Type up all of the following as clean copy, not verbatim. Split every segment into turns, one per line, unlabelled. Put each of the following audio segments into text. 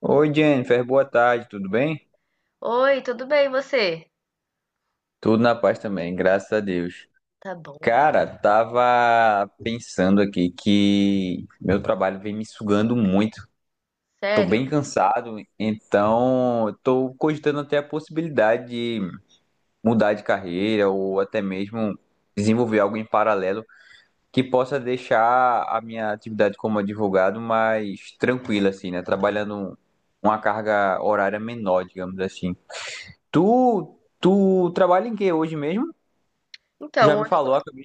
Oi, Jennifer, boa tarde, tudo bem?
Oi, tudo bem, e você?
Tudo na paz também, graças a Deus.
Tá bom.
Cara, tava pensando aqui que meu trabalho vem me sugando muito. Tô
Sério?
bem cansado, então tô cogitando até a possibilidade de mudar de carreira ou até mesmo desenvolver algo em paralelo que possa deixar a minha atividade como advogado mais tranquila, assim, né? Trabalhando uma carga horária menor, digamos assim. Tu trabalha em que hoje mesmo? Tu já
Então,
me
hoje eu,
falou, acabei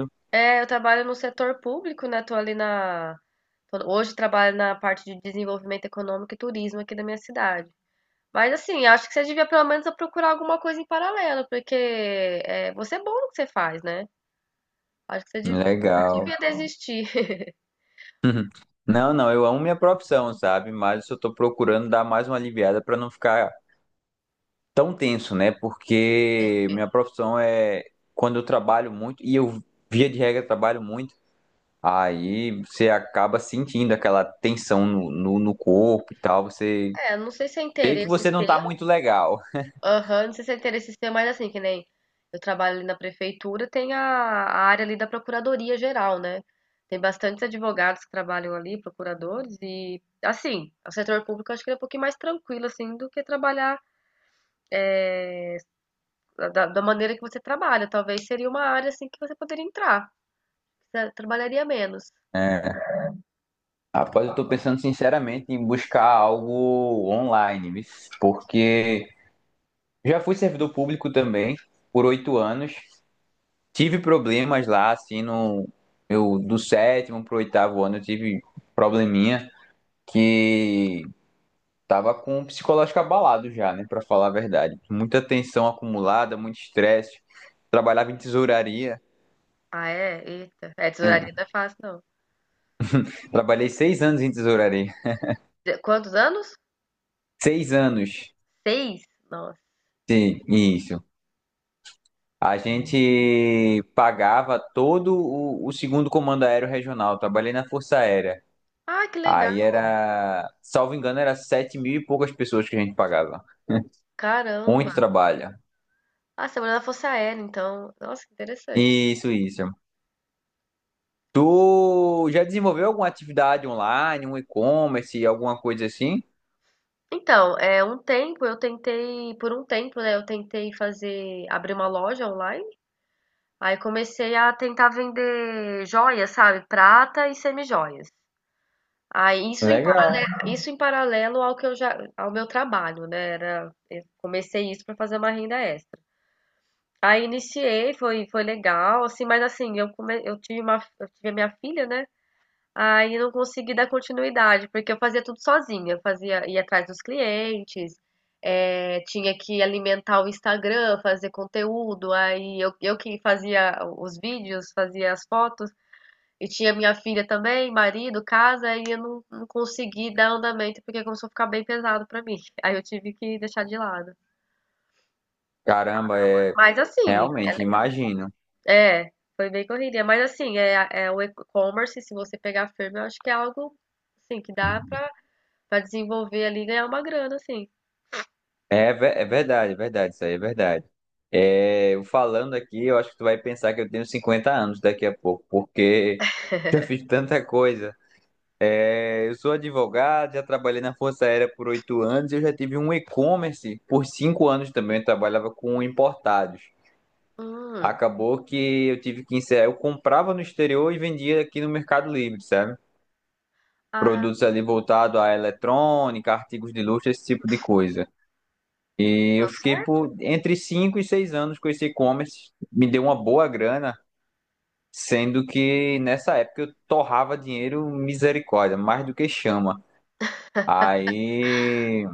eu trabalho no setor público, né? Tô ali na. Tô- Hoje trabalho na parte de desenvolvimento econômico e turismo aqui da minha cidade. Mas assim, acho que você devia pelo menos procurar alguma coisa em paralelo, porque é, você é bom no que você faz, né? Acho que você
Legal.
devia desistir.
Não, não, eu amo minha profissão, sabe? Mas eu só tô procurando dar mais uma aliviada pra não ficar tão tenso, né? Porque
Entendi.
minha profissão é quando eu trabalho muito e eu via de regra trabalho muito, aí você acaba sentindo aquela tensão no corpo e tal, você
É, não sei se é
vê que
interesse
você não tá
seu.
muito legal.
Aham, não sei se é interesse seu, mas assim, que nem eu trabalho ali na prefeitura, tem a área ali da Procuradoria Geral, né? Tem bastantes advogados que trabalham ali, procuradores, e assim, o setor público eu acho que é um pouquinho mais tranquilo, assim, do que trabalhar da maneira que você trabalha. Talvez seria uma área, assim, que você poderia entrar, você trabalharia menos.
É. Rapaz, eu tô pensando sinceramente em buscar algo online, porque já fui servidor público também por 8 anos. Tive problemas lá, assim, no eu do sétimo pro oitavo ano eu tive probleminha que tava com o psicológico abalado já, né, pra falar a verdade. Muita tensão acumulada, muito estresse. Trabalhava em tesouraria.
Ah, é? Eita. É, tesouraria
É,
não é fácil, não.
trabalhei 6 anos em tesouraria.
Quantos anos?
6 anos.
Seis? Nossa.
Sim, isso. A gente pagava todo o segundo comando aéreo regional. Trabalhei na Força Aérea.
Ah, que legal.
Aí era, salvo engano, era 7 mil e poucas pessoas que a gente pagava.
Caramba.
Muito trabalho.
Ah, você trabalhou na Força Aérea, então. Nossa, que interessante.
Isso, isso. Tu já desenvolveu alguma atividade online, um e-commerce, alguma coisa assim?
Então, é, um tempo eu tentei, por um tempo, né, eu tentei fazer, abrir uma loja online. Aí comecei a tentar vender joias, sabe? Prata e semijoias. Aí
Legal.
isso em paralelo ao que eu já, ao meu trabalho, né? Era, eu comecei isso para fazer uma renda extra. Aí iniciei, foi, foi legal, assim, mas assim, eu come, eu tive uma, eu tive a minha filha, né? Aí não consegui dar continuidade, porque eu fazia tudo sozinha, eu fazia ia atrás dos clientes, tinha que alimentar o Instagram, fazer conteúdo, aí eu que fazia os vídeos, fazia as fotos, e tinha minha filha também, marido, casa, aí eu não, não consegui dar andamento, porque começou a ficar bem pesado pra mim, aí eu tive que deixar de lado.
Caramba, é
Mas assim, é,
realmente, imagino.
é, foi bem correria, mas assim, é, é o e-commerce, se você pegar firme, eu acho que é algo, assim, que dá pra Pra desenvolver ali e ganhar uma grana, assim.
É, é verdade, isso aí é verdade. É, eu falando aqui, eu acho que tu vai pensar que eu tenho 50 anos daqui a pouco, porque já fiz tanta coisa. É, eu sou advogado, já trabalhei na Força Aérea por 8 anos, eu já tive um e-commerce por 5 anos também, eu trabalhava com importados.
Hum.
Acabou que eu tive que encerrar, eu comprava no exterior e vendia aqui no Mercado Livre, sabe?
Ah,
Produtos ali voltados à eletrônica, artigos de luxo, esse tipo de coisa. E
deu
eu fiquei
certo?
por entre 5 e 6 anos com esse e-commerce, me deu uma boa grana, sendo que nessa época eu torrava dinheiro misericórdia, mais do que chama. Aí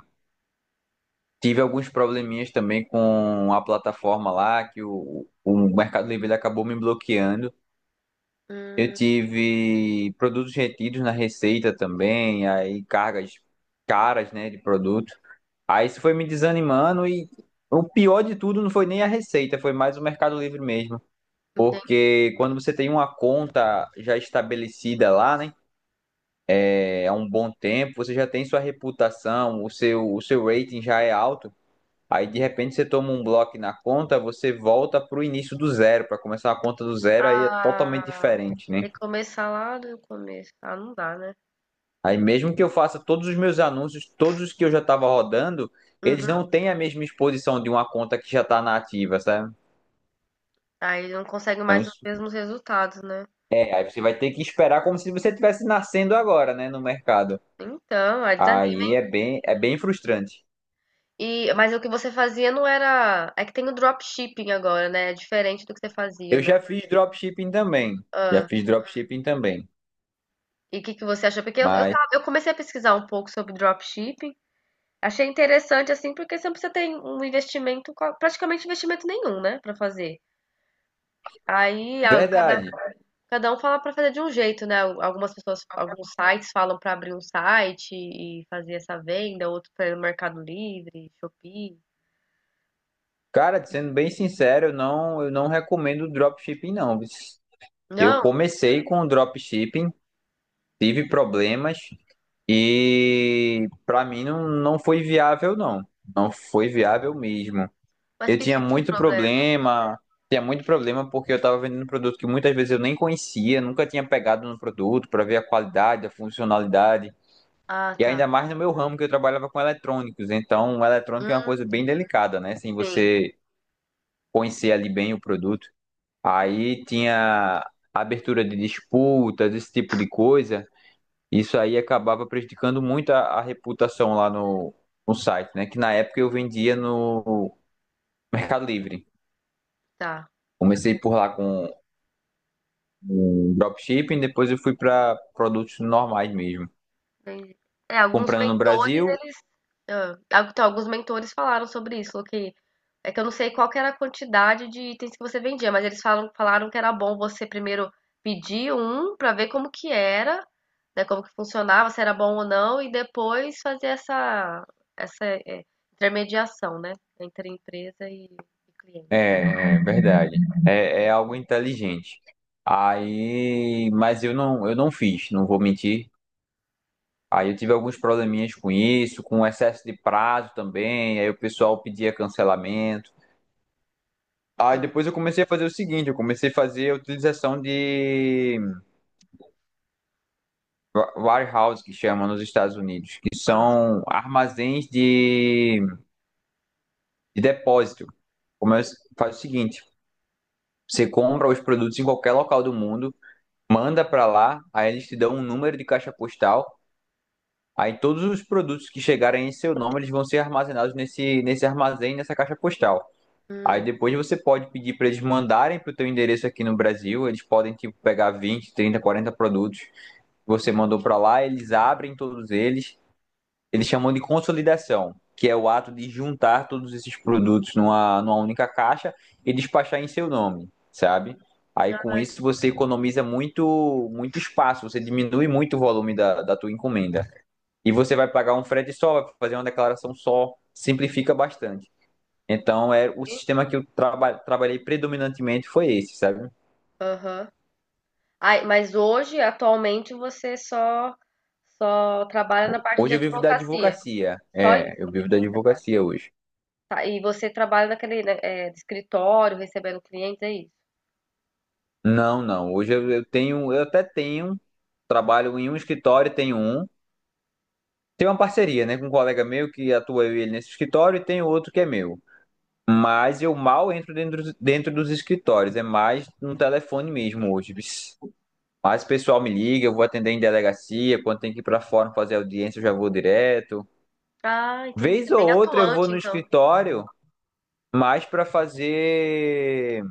tive alguns probleminhas também com a plataforma lá, que o Mercado Livre ele acabou me bloqueando. Eu
Hum,
tive produtos retidos na receita também, aí cargas caras, né, de produto. Aí isso foi me desanimando e o pior de tudo não foi nem a receita, foi mais o Mercado Livre mesmo.
entendi.
Porque quando você tem uma conta já estabelecida lá, né, há um bom tempo, você já tem sua reputação, o seu rating já é alto. Aí de repente você toma um bloco na conta, você volta pro início do zero, para começar a conta do zero, aí é totalmente
Ah,
diferente, né?
tem que começar lá do começo. Ah, não dá, né?
Aí mesmo que eu faça todos os meus anúncios, todos os que eu já estava rodando, eles
Uhum.
não têm a mesma exposição de uma conta que já está na ativa, sabe?
Aí não consegue
Então,
mais os
isso.
mesmos resultados, né?
É, aí você vai ter que esperar como se você estivesse nascendo agora, né, no mercado.
Então, aí desanima.
Aí é bem frustrante.
E, mas o que você fazia não era. É que tem o dropshipping agora, né? É diferente do que você
Eu
fazia, né?
já fiz dropshipping também. Já
Ah,
fiz dropshipping também.
e o que que você achou? Porque
Mas,
eu comecei a pesquisar um pouco sobre dropshipping. Achei interessante, assim, porque sempre você tem um investimento, praticamente investimento nenhum, né? Pra fazer. Aí a- cada,
verdade.
cada um fala para fazer de um jeito, né? Algumas pessoas, alguns sites falam para abrir um site e fazer essa venda, outro para Mercado Livre, Shopee.
Cara, sendo bem sincero, eu não recomendo dropshipping, não. Eu
Não,
comecei com dropshipping, tive problemas e pra mim não, não foi viável, não. Não foi viável mesmo.
mas
Eu
que tipo de problema?
tinha muito problema porque eu estava vendendo um produto que muitas vezes eu nem conhecia, nunca tinha pegado no produto para ver a qualidade, a funcionalidade,
Ah,
e ainda
tá.
mais no meu ramo que eu trabalhava com eletrônicos. Então, o eletrônico
Hum,
é uma coisa bem delicada, né? Sem
sim,
você conhecer ali bem o produto. Aí tinha abertura de disputas, esse tipo de coisa. Isso aí acabava prejudicando muito a reputação lá no site, né? Que na época eu vendia no Mercado Livre.
tá.
Comecei por lá com em dropshipping, depois eu fui para produtos normais mesmo.
Entendi. É, alguns
Comprando no
mentores,
Brasil,
eles. Ah, então, alguns mentores falaram sobre isso, falou que. É que eu não sei qual que era a quantidade de itens que você vendia, mas eles falam, falaram que era bom você primeiro pedir um pra ver como que era, né, como que funcionava, se era bom ou não, e depois fazer essa, essa é, intermediação, né, entre a empresa e cliente.
é verdade. É algo inteligente. Aí, mas eu não fiz, não vou mentir. Aí eu tive alguns probleminhas com isso, com excesso de prazo também. Aí o pessoal pedia cancelamento. Aí depois eu comecei a fazer o seguinte, eu comecei a fazer a utilização de warehouse, que chama nos Estados Unidos, que
Ah,
são armazéns de depósito. Começa, faz o seguinte: você compra os produtos em qualquer local do mundo, manda para lá, aí eles te dão um número de caixa postal. Aí todos os produtos que chegarem em seu nome, eles vão ser armazenados nesse armazém, nessa caixa postal. Aí
hum.
depois você pode pedir para eles mandarem para o teu endereço aqui no Brasil, eles podem tipo pegar 20, 30, 40 produtos que você mandou para lá, eles abrem todos eles chamam de consolidação, que é o ato de juntar todos esses produtos numa única caixa e despachar em seu nome, sabe? Aí com
Ah,
isso você economiza muito, muito espaço, você diminui muito o volume da tua encomenda. E você vai pagar um frete só, vai fazer uma declaração só, simplifica bastante. Então, é o
entendi.
sistema que eu trabalhei predominantemente foi esse, sabe?
Aham. Ai, mas hoje, atualmente, você só trabalha na parte de
Hoje eu vivo da
advocacia.
advocacia.
Só isso
É, eu vivo
mesmo
da
que você faz.
advocacia hoje.
Tá, e você trabalha naquele, né, é, escritório, recebendo clientes, é isso?
Não, não. Hoje eu tenho, eu até tenho trabalho em um escritório, tenho um. Tem uma parceria, né, com um colega meu que atua eu e ele nesse escritório e tem outro que é meu. Mas eu mal entro dentro dos escritórios, é mais no telefone mesmo hoje. Bis. Mas o pessoal me liga, eu vou atender em delegacia, quando tem que ir para fora fazer audiência, eu já vou direto.
Ah, entendi. Você
Vez
é
ou
bem
outra eu vou
atuante,
no
então.
escritório, mais para fazer,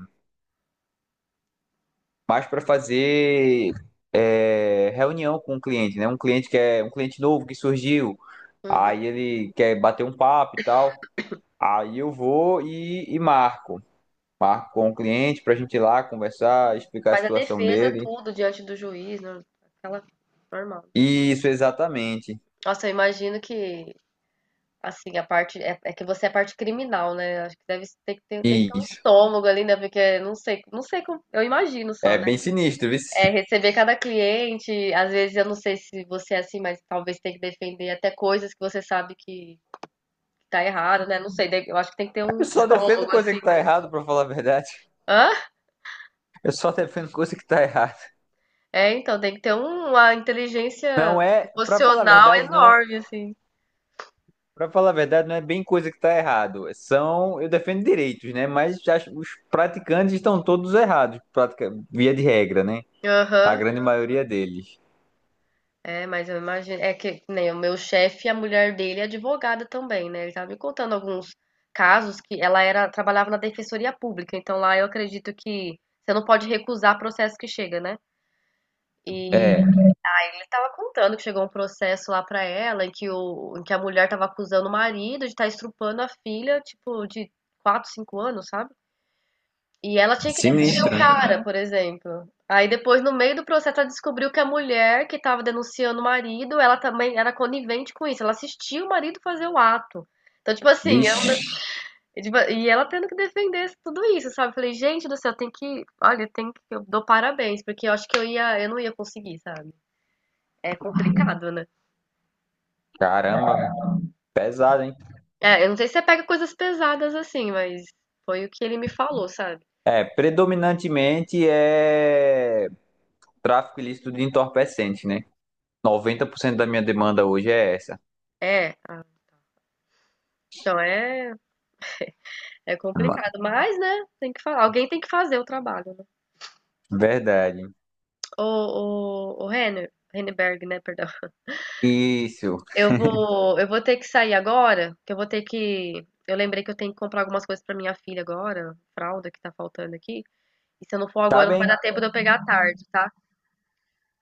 mais para fazer reunião com o cliente, né? Um cliente que é um cliente novo que surgiu.
Uhum.
Aí ele quer bater um papo e tal. Aí eu vou e marco. Marco com o cliente pra gente ir lá conversar, explicar a
Faz a
situação
defesa,
dele.
tudo, diante do juiz, né? Aquela normal.
Isso, exatamente.
Nossa, eu imagino que, assim, a parte. É, é que você é parte criminal, né? Acho que deve ter, que ter tem que ter um
Isso.
estômago ali, né? Porque não sei, não sei como. Eu imagino
É
só, né?
bem sinistro, viu?
É, receber cada cliente, às vezes eu não sei se você é assim, mas talvez tenha que defender até coisas que você sabe que tá errado, né? Não sei, eu acho que tem que ter um
Eu só defendo
estômago,
coisa
assim,
que tá
né?
errado, pra falar a verdade.
Hã?
Eu só defendo coisa que tá errada.
É, então, tem que ter uma inteligência
Não é, pra falar a
emocional
verdade, não.
enorme, assim.
Para falar a verdade, não é bem coisa que tá errado. Eu defendo direitos, né? Mas os praticantes estão todos errados, via de regra, né? A
Aham.
grande maioria deles.
É, mas eu imagino. É que nem o meu chefe, a mulher dele é advogada também, né? Ele tava me contando alguns casos que ela era, trabalhava na defensoria pública, então lá eu acredito que você não pode recusar processo que chega, né? E
É.
ele estava contando que chegou um processo lá pra ela, em que, o, em que a mulher estava acusando o marido de estar estrupando a filha, tipo, de 4 5 anos, sabe? E ela tinha que defender
Sinistro,
o
né?
cara, por exemplo. Aí depois, no meio do processo, ela descobriu que a mulher que estava denunciando o marido, ela também era conivente com isso. Ela assistia o marido fazer o ato. Então, tipo assim, ela,
Vixe,
tipo, e ela tendo que defender tudo isso, sabe? Eu falei, gente do céu, tem que. Olha, tem que. Eu dou parabéns, porque eu acho que eu ia, eu não ia conseguir, sabe? É complicado, né?
caramba, pesado, hein?
É, eu não sei se você pega coisas pesadas assim, mas foi o que ele me falou, sabe?
É, predominantemente é tráfico ilícito de entorpecente, né? 90% da minha demanda hoje é essa.
É, ah, então é, é
Ma-
complicado, mas, né, tem que falar, alguém tem que fazer o trabalho, né?
Verdade.
O ô, ô, Renner, Renneberg, né, perdão.
Isso.
Eu vou ter que sair agora, que eu vou ter que, eu lembrei que eu tenho que comprar algumas coisas pra minha filha agora, fralda que tá faltando aqui, e se eu não for
Tá
agora não vai
bem?
dar tempo de eu pegar à tarde, tá?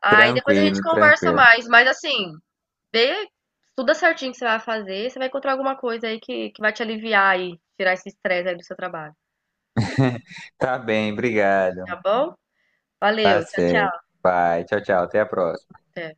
Aí depois a gente
Tranquilo,
conversa
tranquilo.
mais, mas assim, Vê, estuda certinho o que você vai fazer, você vai encontrar alguma coisa aí que vai te aliviar aí, tirar esse estresse aí do seu trabalho,
Tá bem,
tá
obrigado.
bom?
Tá
Valeu, tchau, tchau.
certo. Vai, tchau, tchau. Até a próxima.
Até.